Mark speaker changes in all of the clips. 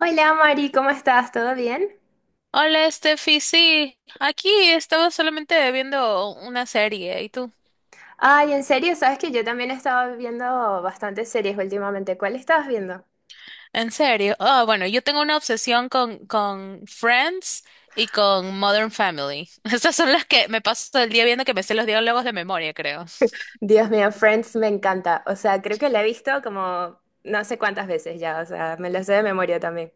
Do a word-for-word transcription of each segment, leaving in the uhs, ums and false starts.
Speaker 1: Hola Mari, ¿cómo estás? ¿Todo bien?
Speaker 2: Hola, Steffi, sí, aquí estaba solamente viendo una serie, ¿y tú?
Speaker 1: Ay, en serio, sabes que yo también he estado viendo bastantes series últimamente. ¿Cuál estabas viendo?
Speaker 2: ¿En serio? Ah, bueno, yo tengo una obsesión con, con Friends y con Modern Family. Estas son las que me paso todo el día viendo que me sé los diálogos de memoria, creo.
Speaker 1: Dios mío, Friends me encanta. O sea, creo que la he visto como no sé cuántas veces ya. O sea, me la sé de memoria también.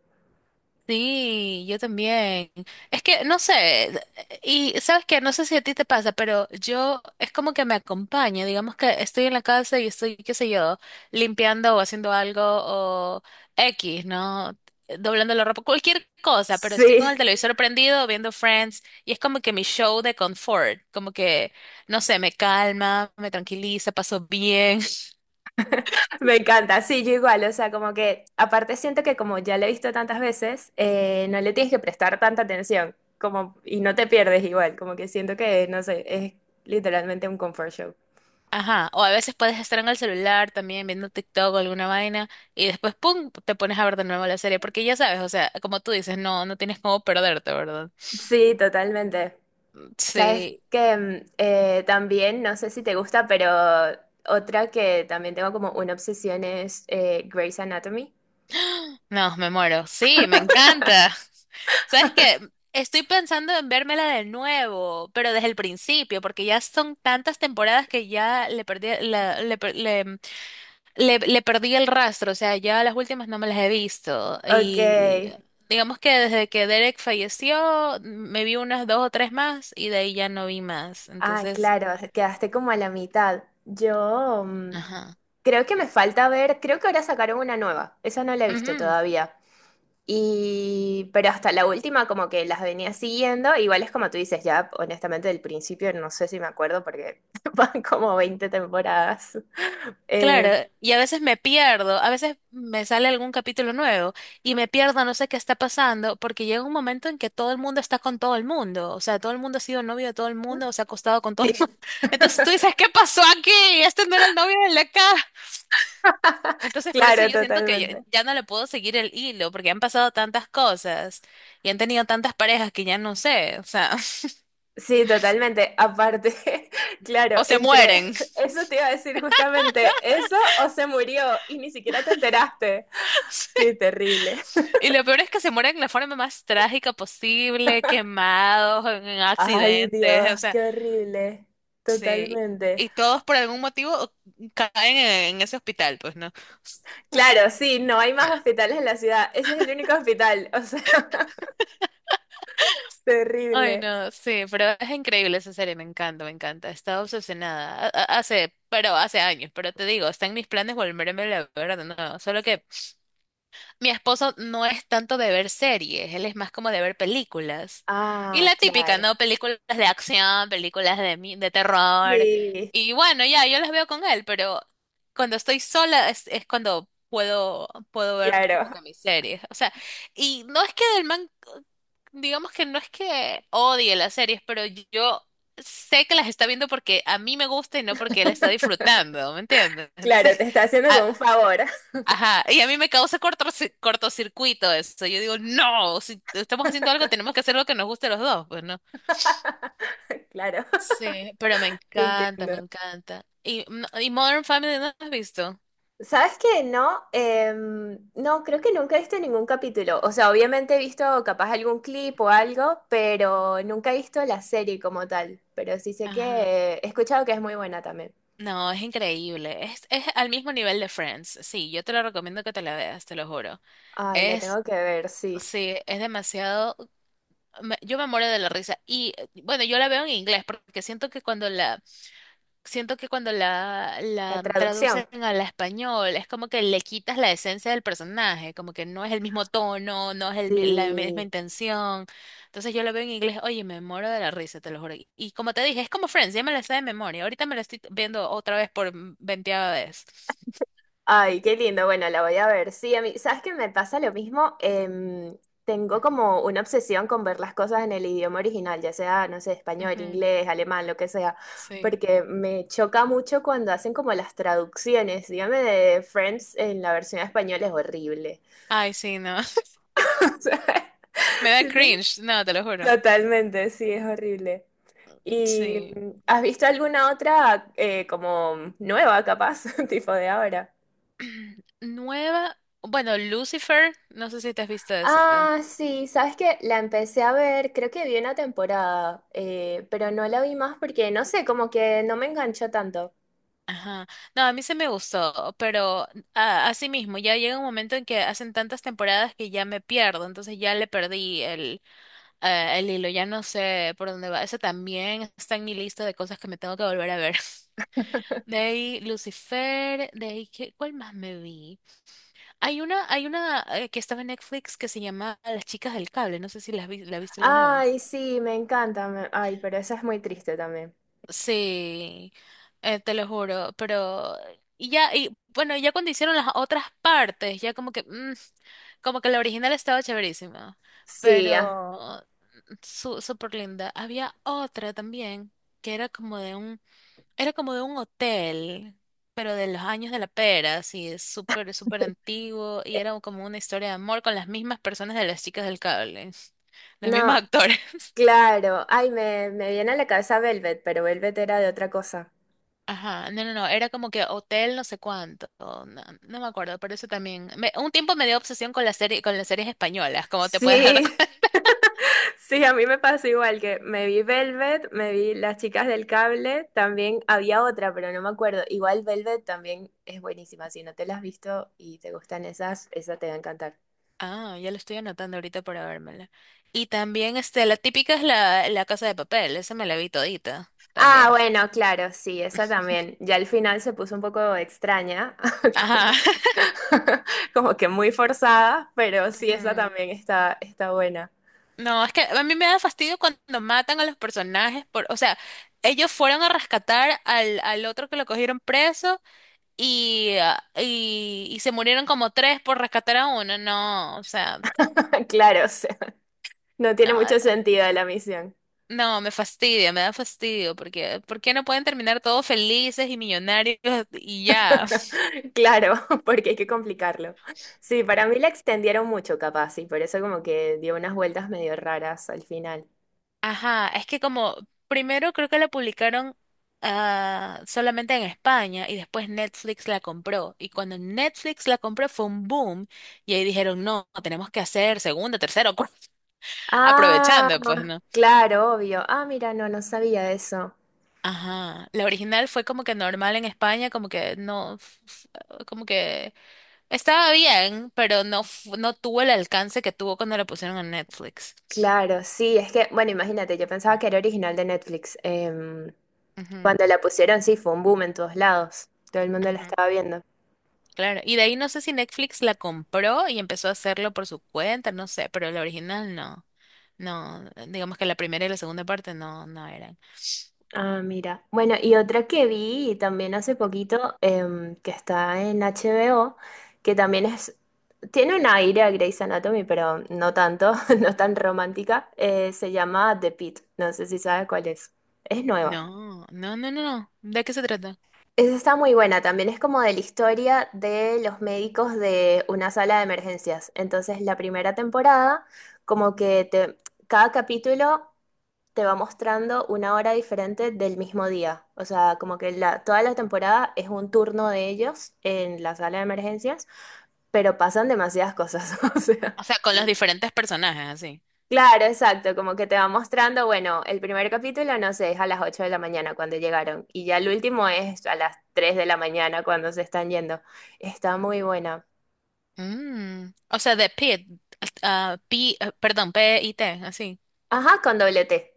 Speaker 2: Sí, yo también. Es que no sé, y sabes que no sé si a ti te pasa, pero yo es como que me acompaña, digamos que estoy en la casa y estoy, qué sé yo, limpiando o haciendo algo o X, ¿no? Doblando la ropa, cualquier cosa, pero estoy con
Speaker 1: Sí,
Speaker 2: el televisor prendido viendo Friends y es como que mi show de confort, como que, no sé, me calma, me tranquiliza, paso bien.
Speaker 1: me encanta. Sí, yo igual. O sea, como que aparte siento que como ya la he visto tantas veces, eh, no le tienes que prestar tanta atención. Como, y no te pierdes igual. Como que siento que, no sé, es literalmente un comfort show.
Speaker 2: Ajá, o a veces puedes estar en el celular también viendo TikTok o alguna vaina y después, ¡pum!, te pones a ver de nuevo la serie porque ya sabes, o sea, como tú dices, no, no tienes cómo perderte, ¿verdad?
Speaker 1: Sí, totalmente. Sabes
Speaker 2: Sí,
Speaker 1: que mm, eh, también, no sé si te gusta, pero otra que también tengo como una obsesión es eh, Grey's Anatomy.
Speaker 2: no, me muero, sí, me encanta. ¿Sabes qué? Estoy pensando en vérmela de nuevo, pero desde el principio, porque ya son tantas temporadas que ya le perdí, la, le, per- le- Le, le perdí el rastro, o sea, ya las últimas no me las he visto.
Speaker 1: Ok.
Speaker 2: Y digamos que desde que Derek falleció, me vi unas dos o tres más y de ahí ya no vi más.
Speaker 1: Ah,
Speaker 2: Entonces,
Speaker 1: claro, quedaste como a la mitad. Yo mm,
Speaker 2: ajá.
Speaker 1: creo que me falta ver, creo que ahora sacaron una nueva, esa no la he visto
Speaker 2: Ujú.
Speaker 1: todavía. Y, pero hasta la última como que las venía siguiendo, igual es como tú dices, ya honestamente del principio no sé si me acuerdo porque van como veinte temporadas. Eh,
Speaker 2: Claro, y a veces me pierdo, a veces me sale algún capítulo nuevo y me pierdo, no sé qué está pasando, porque llega un momento en que todo el mundo está con todo el mundo, o sea, todo el mundo ha sido novio de todo el mundo, o se ha acostado con todo el mundo.
Speaker 1: sí.
Speaker 2: Entonces tú dices, ¿qué pasó aquí? Este no era el novio de la acá. Entonces, por eso
Speaker 1: Claro,
Speaker 2: yo siento que ya,
Speaker 1: totalmente.
Speaker 2: ya no le puedo seguir el hilo, porque han pasado tantas cosas y han tenido tantas parejas que ya no sé, o sea,
Speaker 1: Sí, totalmente. Aparte, claro,
Speaker 2: o se
Speaker 1: entre
Speaker 2: mueren.
Speaker 1: eso te iba a decir justamente eso o se murió y ni siquiera te enteraste.
Speaker 2: Sí.
Speaker 1: Sí, terrible.
Speaker 2: Y lo peor es que se mueren de la forma más trágica posible, quemados, en en
Speaker 1: Ay,
Speaker 2: accidentes, o
Speaker 1: Dios,
Speaker 2: sea,
Speaker 1: qué horrible.
Speaker 2: sí.
Speaker 1: Totalmente.
Speaker 2: Y todos por algún motivo caen en, en ese hospital, pues, ¿no?
Speaker 1: Claro, sí, no hay más hospitales en la ciudad. Ese es el único hospital. O sea,
Speaker 2: Ay,
Speaker 1: terrible.
Speaker 2: no, sí, pero es increíble esa serie, me encanta, me encanta. He estado obsesionada. a- a- Hace, pero hace años, pero te digo, está en mis planes volverme a ver de nuevo. Solo que mi esposo no es tanto de ver series, él es más como de ver películas. Y
Speaker 1: Ah,
Speaker 2: la típica,
Speaker 1: claro.
Speaker 2: ¿no? Películas de acción, películas de, mi- de terror.
Speaker 1: Sí,
Speaker 2: Y bueno, ya, yo las veo con él, pero cuando estoy sola es, es cuando puedo, puedo ver como
Speaker 1: claro.
Speaker 2: que mis series. O sea, y no es que del man, digamos que no es que odie las series, pero yo sé que las está viendo porque a mí me gusta y no porque él está disfrutando, ¿me entiendes?
Speaker 1: Claro,
Speaker 2: Entonces...
Speaker 1: te está haciendo como un favor.
Speaker 2: Ajá, y a mí me causa cortorci- cortocircuito eso. Yo digo, no, si estamos haciendo algo, tenemos que hacer lo que nos guste a los dos, pues no.
Speaker 1: Claro,
Speaker 2: Sí, pero me
Speaker 1: te
Speaker 2: encanta,
Speaker 1: entiendo.
Speaker 2: me encanta. Y, no- y Modern Family no has visto.
Speaker 1: ¿Sabes qué? No, Em, no, creo que nunca he visto ningún capítulo. O sea, obviamente he visto capaz algún clip o algo, pero nunca he visto la serie como tal. Pero sí sé que
Speaker 2: Ajá.
Speaker 1: eh, he escuchado que es muy buena también.
Speaker 2: No, es increíble. Es, es al mismo nivel de Friends. Sí, yo te lo recomiendo que te la veas, te lo juro.
Speaker 1: Ay, la
Speaker 2: Es,
Speaker 1: tengo que ver, sí.
Speaker 2: sí, es demasiado. me- yo me muero de la risa. Y eh, bueno, yo la veo en inglés porque siento que cuando la siento que cuando la,
Speaker 1: La
Speaker 2: la
Speaker 1: traducción.
Speaker 2: traducen al español es como que le quitas la esencia del personaje, como que no es el mismo tono, no es el mi- la misma
Speaker 1: Sí.
Speaker 2: intención. Entonces yo lo veo en inglés, oye, me muero de la risa, te lo juro. Y como te dije, es como Friends, ya me la sé de memoria. Ahorita me la estoy viendo otra vez por veinteava vez.
Speaker 1: Ay, qué lindo. Bueno, la voy a ver. Sí, a mí, ¿sabes qué me pasa lo mismo? Em, tengo como una obsesión con ver las cosas en el idioma original, ya sea, no sé, español,
Speaker 2: Ujú,
Speaker 1: inglés, alemán, lo que sea,
Speaker 2: sí.
Speaker 1: porque me choca mucho cuando hacen como las traducciones. Dígame de Friends en la versión española es horrible.
Speaker 2: Ay, sí, no.
Speaker 1: O sea,
Speaker 2: Me da
Speaker 1: sí, te-
Speaker 2: cringe, no, te lo juro.
Speaker 1: totalmente, sí, es horrible. ¿Y
Speaker 2: Sí.
Speaker 1: mm, has visto alguna otra eh, como nueva, capaz, tipo de ahora?
Speaker 2: Nueva, bueno, Lucifer, no sé si te has visto esa.
Speaker 1: Ah, sí, sabes que la empecé a ver, creo que vi una temporada, eh, pero no la vi más porque no sé, como que no me enganchó tanto.
Speaker 2: Ajá. No, a mí se me gustó, pero a- así mismo, ya llega un momento en que hacen tantas temporadas que ya me pierdo, entonces ya le perdí el, eh, el hilo, ya no sé por dónde va. Ese también está en mi lista de cosas que me tengo que volver a ver. De ahí Lucifer, de ahí ¿qué- ¿cuál más me vi? Hay una, hay una eh, que estaba en Netflix que se llama Las Chicas del Cable, no sé si la has vi- la viste alguna vez.
Speaker 1: Ay, sí, me encanta, me- ay, pero esa es muy triste también.
Speaker 2: Sí, eh, te lo juro, pero y ya, y bueno, ya cuando hicieron las otras partes, ya como que, mm, como que la original estaba chéverísima,
Speaker 1: Sí, ah,
Speaker 2: pero su, súper linda. Había otra también que era como de un, era como de un hotel, pero de los años de la pera, así, es súper, súper antiguo, y
Speaker 1: eh,
Speaker 2: era como una historia de amor con las mismas personas de Las Chicas del Cable, los
Speaker 1: no,
Speaker 2: mismos actores.
Speaker 1: claro, ay, me, me viene a la cabeza Velvet, pero Velvet era de otra cosa.
Speaker 2: Ajá, no, no, no, era como que hotel no sé cuánto, no, no me acuerdo, pero eso también, me- un tiempo me dio obsesión con la serie, con las series españolas, como te puedes dar
Speaker 1: Sí,
Speaker 2: cuenta.
Speaker 1: sí, a mí me pasó igual que me vi Velvet, me vi Las Chicas del Cable, también había otra, pero no me acuerdo. Igual Velvet también es buenísima, si no te la has visto y te gustan esas, esa te va a encantar.
Speaker 2: Ah, ya lo estoy anotando ahorita para vérmela. Y también, este, la típica es la, la Casa de Papel, esa me la vi todita,
Speaker 1: Ah,
Speaker 2: también.
Speaker 1: bueno, claro, sí, esa también. Ya al final se puso un poco extraña,
Speaker 2: Ajá.
Speaker 1: como, como que muy forzada, pero sí, esa
Speaker 2: Ujú.
Speaker 1: también está, está buena.
Speaker 2: No, es que a mí me da fastidio cuando matan a los personajes por, o sea, ellos fueron a rescatar al, al otro que lo cogieron preso y, ah, y, y se murieron como tres por rescatar a uno. No, o sea,
Speaker 1: Claro, o sea, no tiene
Speaker 2: no,
Speaker 1: mucho sentido la misión.
Speaker 2: no, me fastidia, me da fastidio, porque ¿por qué no pueden terminar todos felices y millonarios y ya?
Speaker 1: Claro, porque hay que complicarlo. Sí, para mí la extendieron mucho, capaz, y por eso como que dio unas vueltas medio raras al final.
Speaker 2: Ajá, es que como primero creo que la publicaron ah, solamente en España y después Netflix la compró. Y cuando Netflix la compró fue un boom y ahí dijeron, no, tenemos que hacer segunda, tercera, o cuarta,
Speaker 1: Ah,
Speaker 2: aprovechando, pues, ¿no?
Speaker 1: claro, obvio. Ah, mira, no, no sabía eso.
Speaker 2: Ajá, la original fue como que normal en España, como que no, f- como que estaba bien, pero no, fu- no tuvo el alcance que tuvo cuando la pusieron en Netflix.
Speaker 1: Claro, sí, es que, bueno, imagínate, yo pensaba que era original de Netflix. Em,
Speaker 2: Ujú,
Speaker 1: cuando la pusieron, sí, fue un boom en todos lados. Todo el mundo la
Speaker 2: ujú.
Speaker 1: estaba viendo.
Speaker 2: Claro, y de ahí no sé si Netflix la compró y empezó a hacerlo por su cuenta, no sé, pero la original no, no, digamos que la primera y la segunda parte no, no eran.
Speaker 1: Ah, mira. Bueno, y otra que vi también hace poquito, em, que está en H B O, que también es, tiene un aire a Grey's Anatomy, pero no tanto, no tan romántica, eh, se llama The Pitt. No sé si sabes cuál es. Es nueva.
Speaker 2: No, no, no, no, no. ¿De qué se trata?
Speaker 1: Esa está muy buena, también es como de la historia de los médicos de una sala de emergencias. Entonces, la primera temporada, como que te- cada capítulo te va mostrando una hora diferente del mismo día. O sea, como que la, toda la temporada es un turno de ellos en la sala de emergencias, pero pasan demasiadas cosas. O sea.
Speaker 2: O sea, con los diferentes personajes, así.
Speaker 1: Claro, exacto, como que te va mostrando, bueno, el primer capítulo no sé, es a las ocho de la mañana cuando llegaron y ya el último es a las tres de la mañana cuando se están yendo. Está muy buena.
Speaker 2: Mm, O sea, de Pit, ah, P, ah, perdón, P I T, así.
Speaker 1: Ajá, con doble T.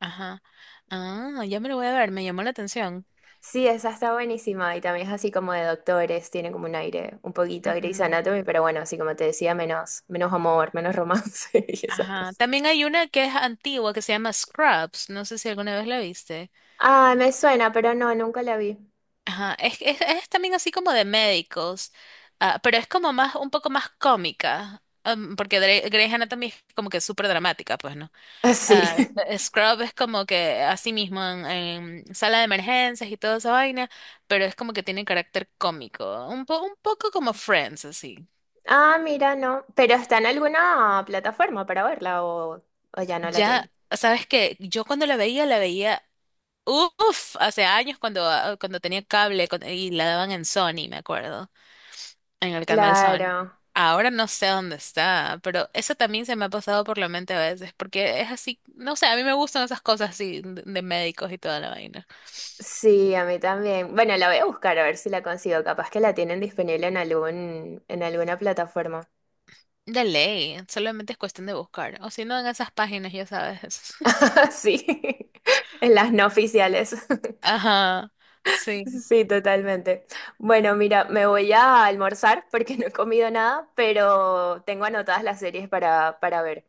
Speaker 2: Ajá. Ah, ya me lo voy a ver, me llamó la atención.
Speaker 1: Sí, esa está buenísima y también es así como de doctores, tiene como un aire un poquito a Grey's
Speaker 2: Ujú.
Speaker 1: Anatomy, pero bueno, así como te decía, menos, menos amor, menos romance y esas
Speaker 2: Ajá.
Speaker 1: cosas.
Speaker 2: También hay una que es antigua que se llama Scrubs. No sé si alguna vez la viste.
Speaker 1: Ah, me suena, pero no, nunca la vi.
Speaker 2: Ajá, es, es, es también así como de médicos, ah, pero es como más, un poco más cómica, am, porque Dre- Grey's Anatomy es como que súper dramática, pues, ¿no?
Speaker 1: Ah, sí.
Speaker 2: Ah, eh, Scrub es como que así mismo en, en sala de emergencias y toda esa vaina, pero es como que tiene carácter cómico, un po- un poco como Friends, así.
Speaker 1: Ah, mira, no, pero está en alguna plataforma para verla o, o ya no la tiene.
Speaker 2: Ya, sabes que yo cuando la veía, la veía, uff, hace años cuando, ah, cuando tenía cable cuando- y la daban en Sony, me acuerdo. En el canal Sony.
Speaker 1: Claro,
Speaker 2: Ahora no sé dónde está, pero eso también se me ha pasado por la mente a veces, porque es así, no sé, a mí me gustan esas cosas así de de médicos y toda la vaina.
Speaker 1: sí, a mí también. Bueno, la voy a buscar a ver si la consigo. Capaz que la tienen disponible en algún, en alguna plataforma.
Speaker 2: De ley, solamente es cuestión de buscar, o si no en esas páginas, ya sabes.
Speaker 1: Sí, en las no oficiales.
Speaker 2: Ajá, sí,
Speaker 1: Sí, totalmente. Bueno, mira, me voy a almorzar porque no he comido nada, pero tengo anotadas las series para, para ver.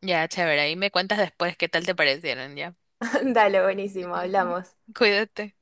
Speaker 2: ya, chévere, ahí me cuentas después qué tal te parecieron, ya.
Speaker 1: Dale, buenísimo, hablamos.
Speaker 2: Cuídate.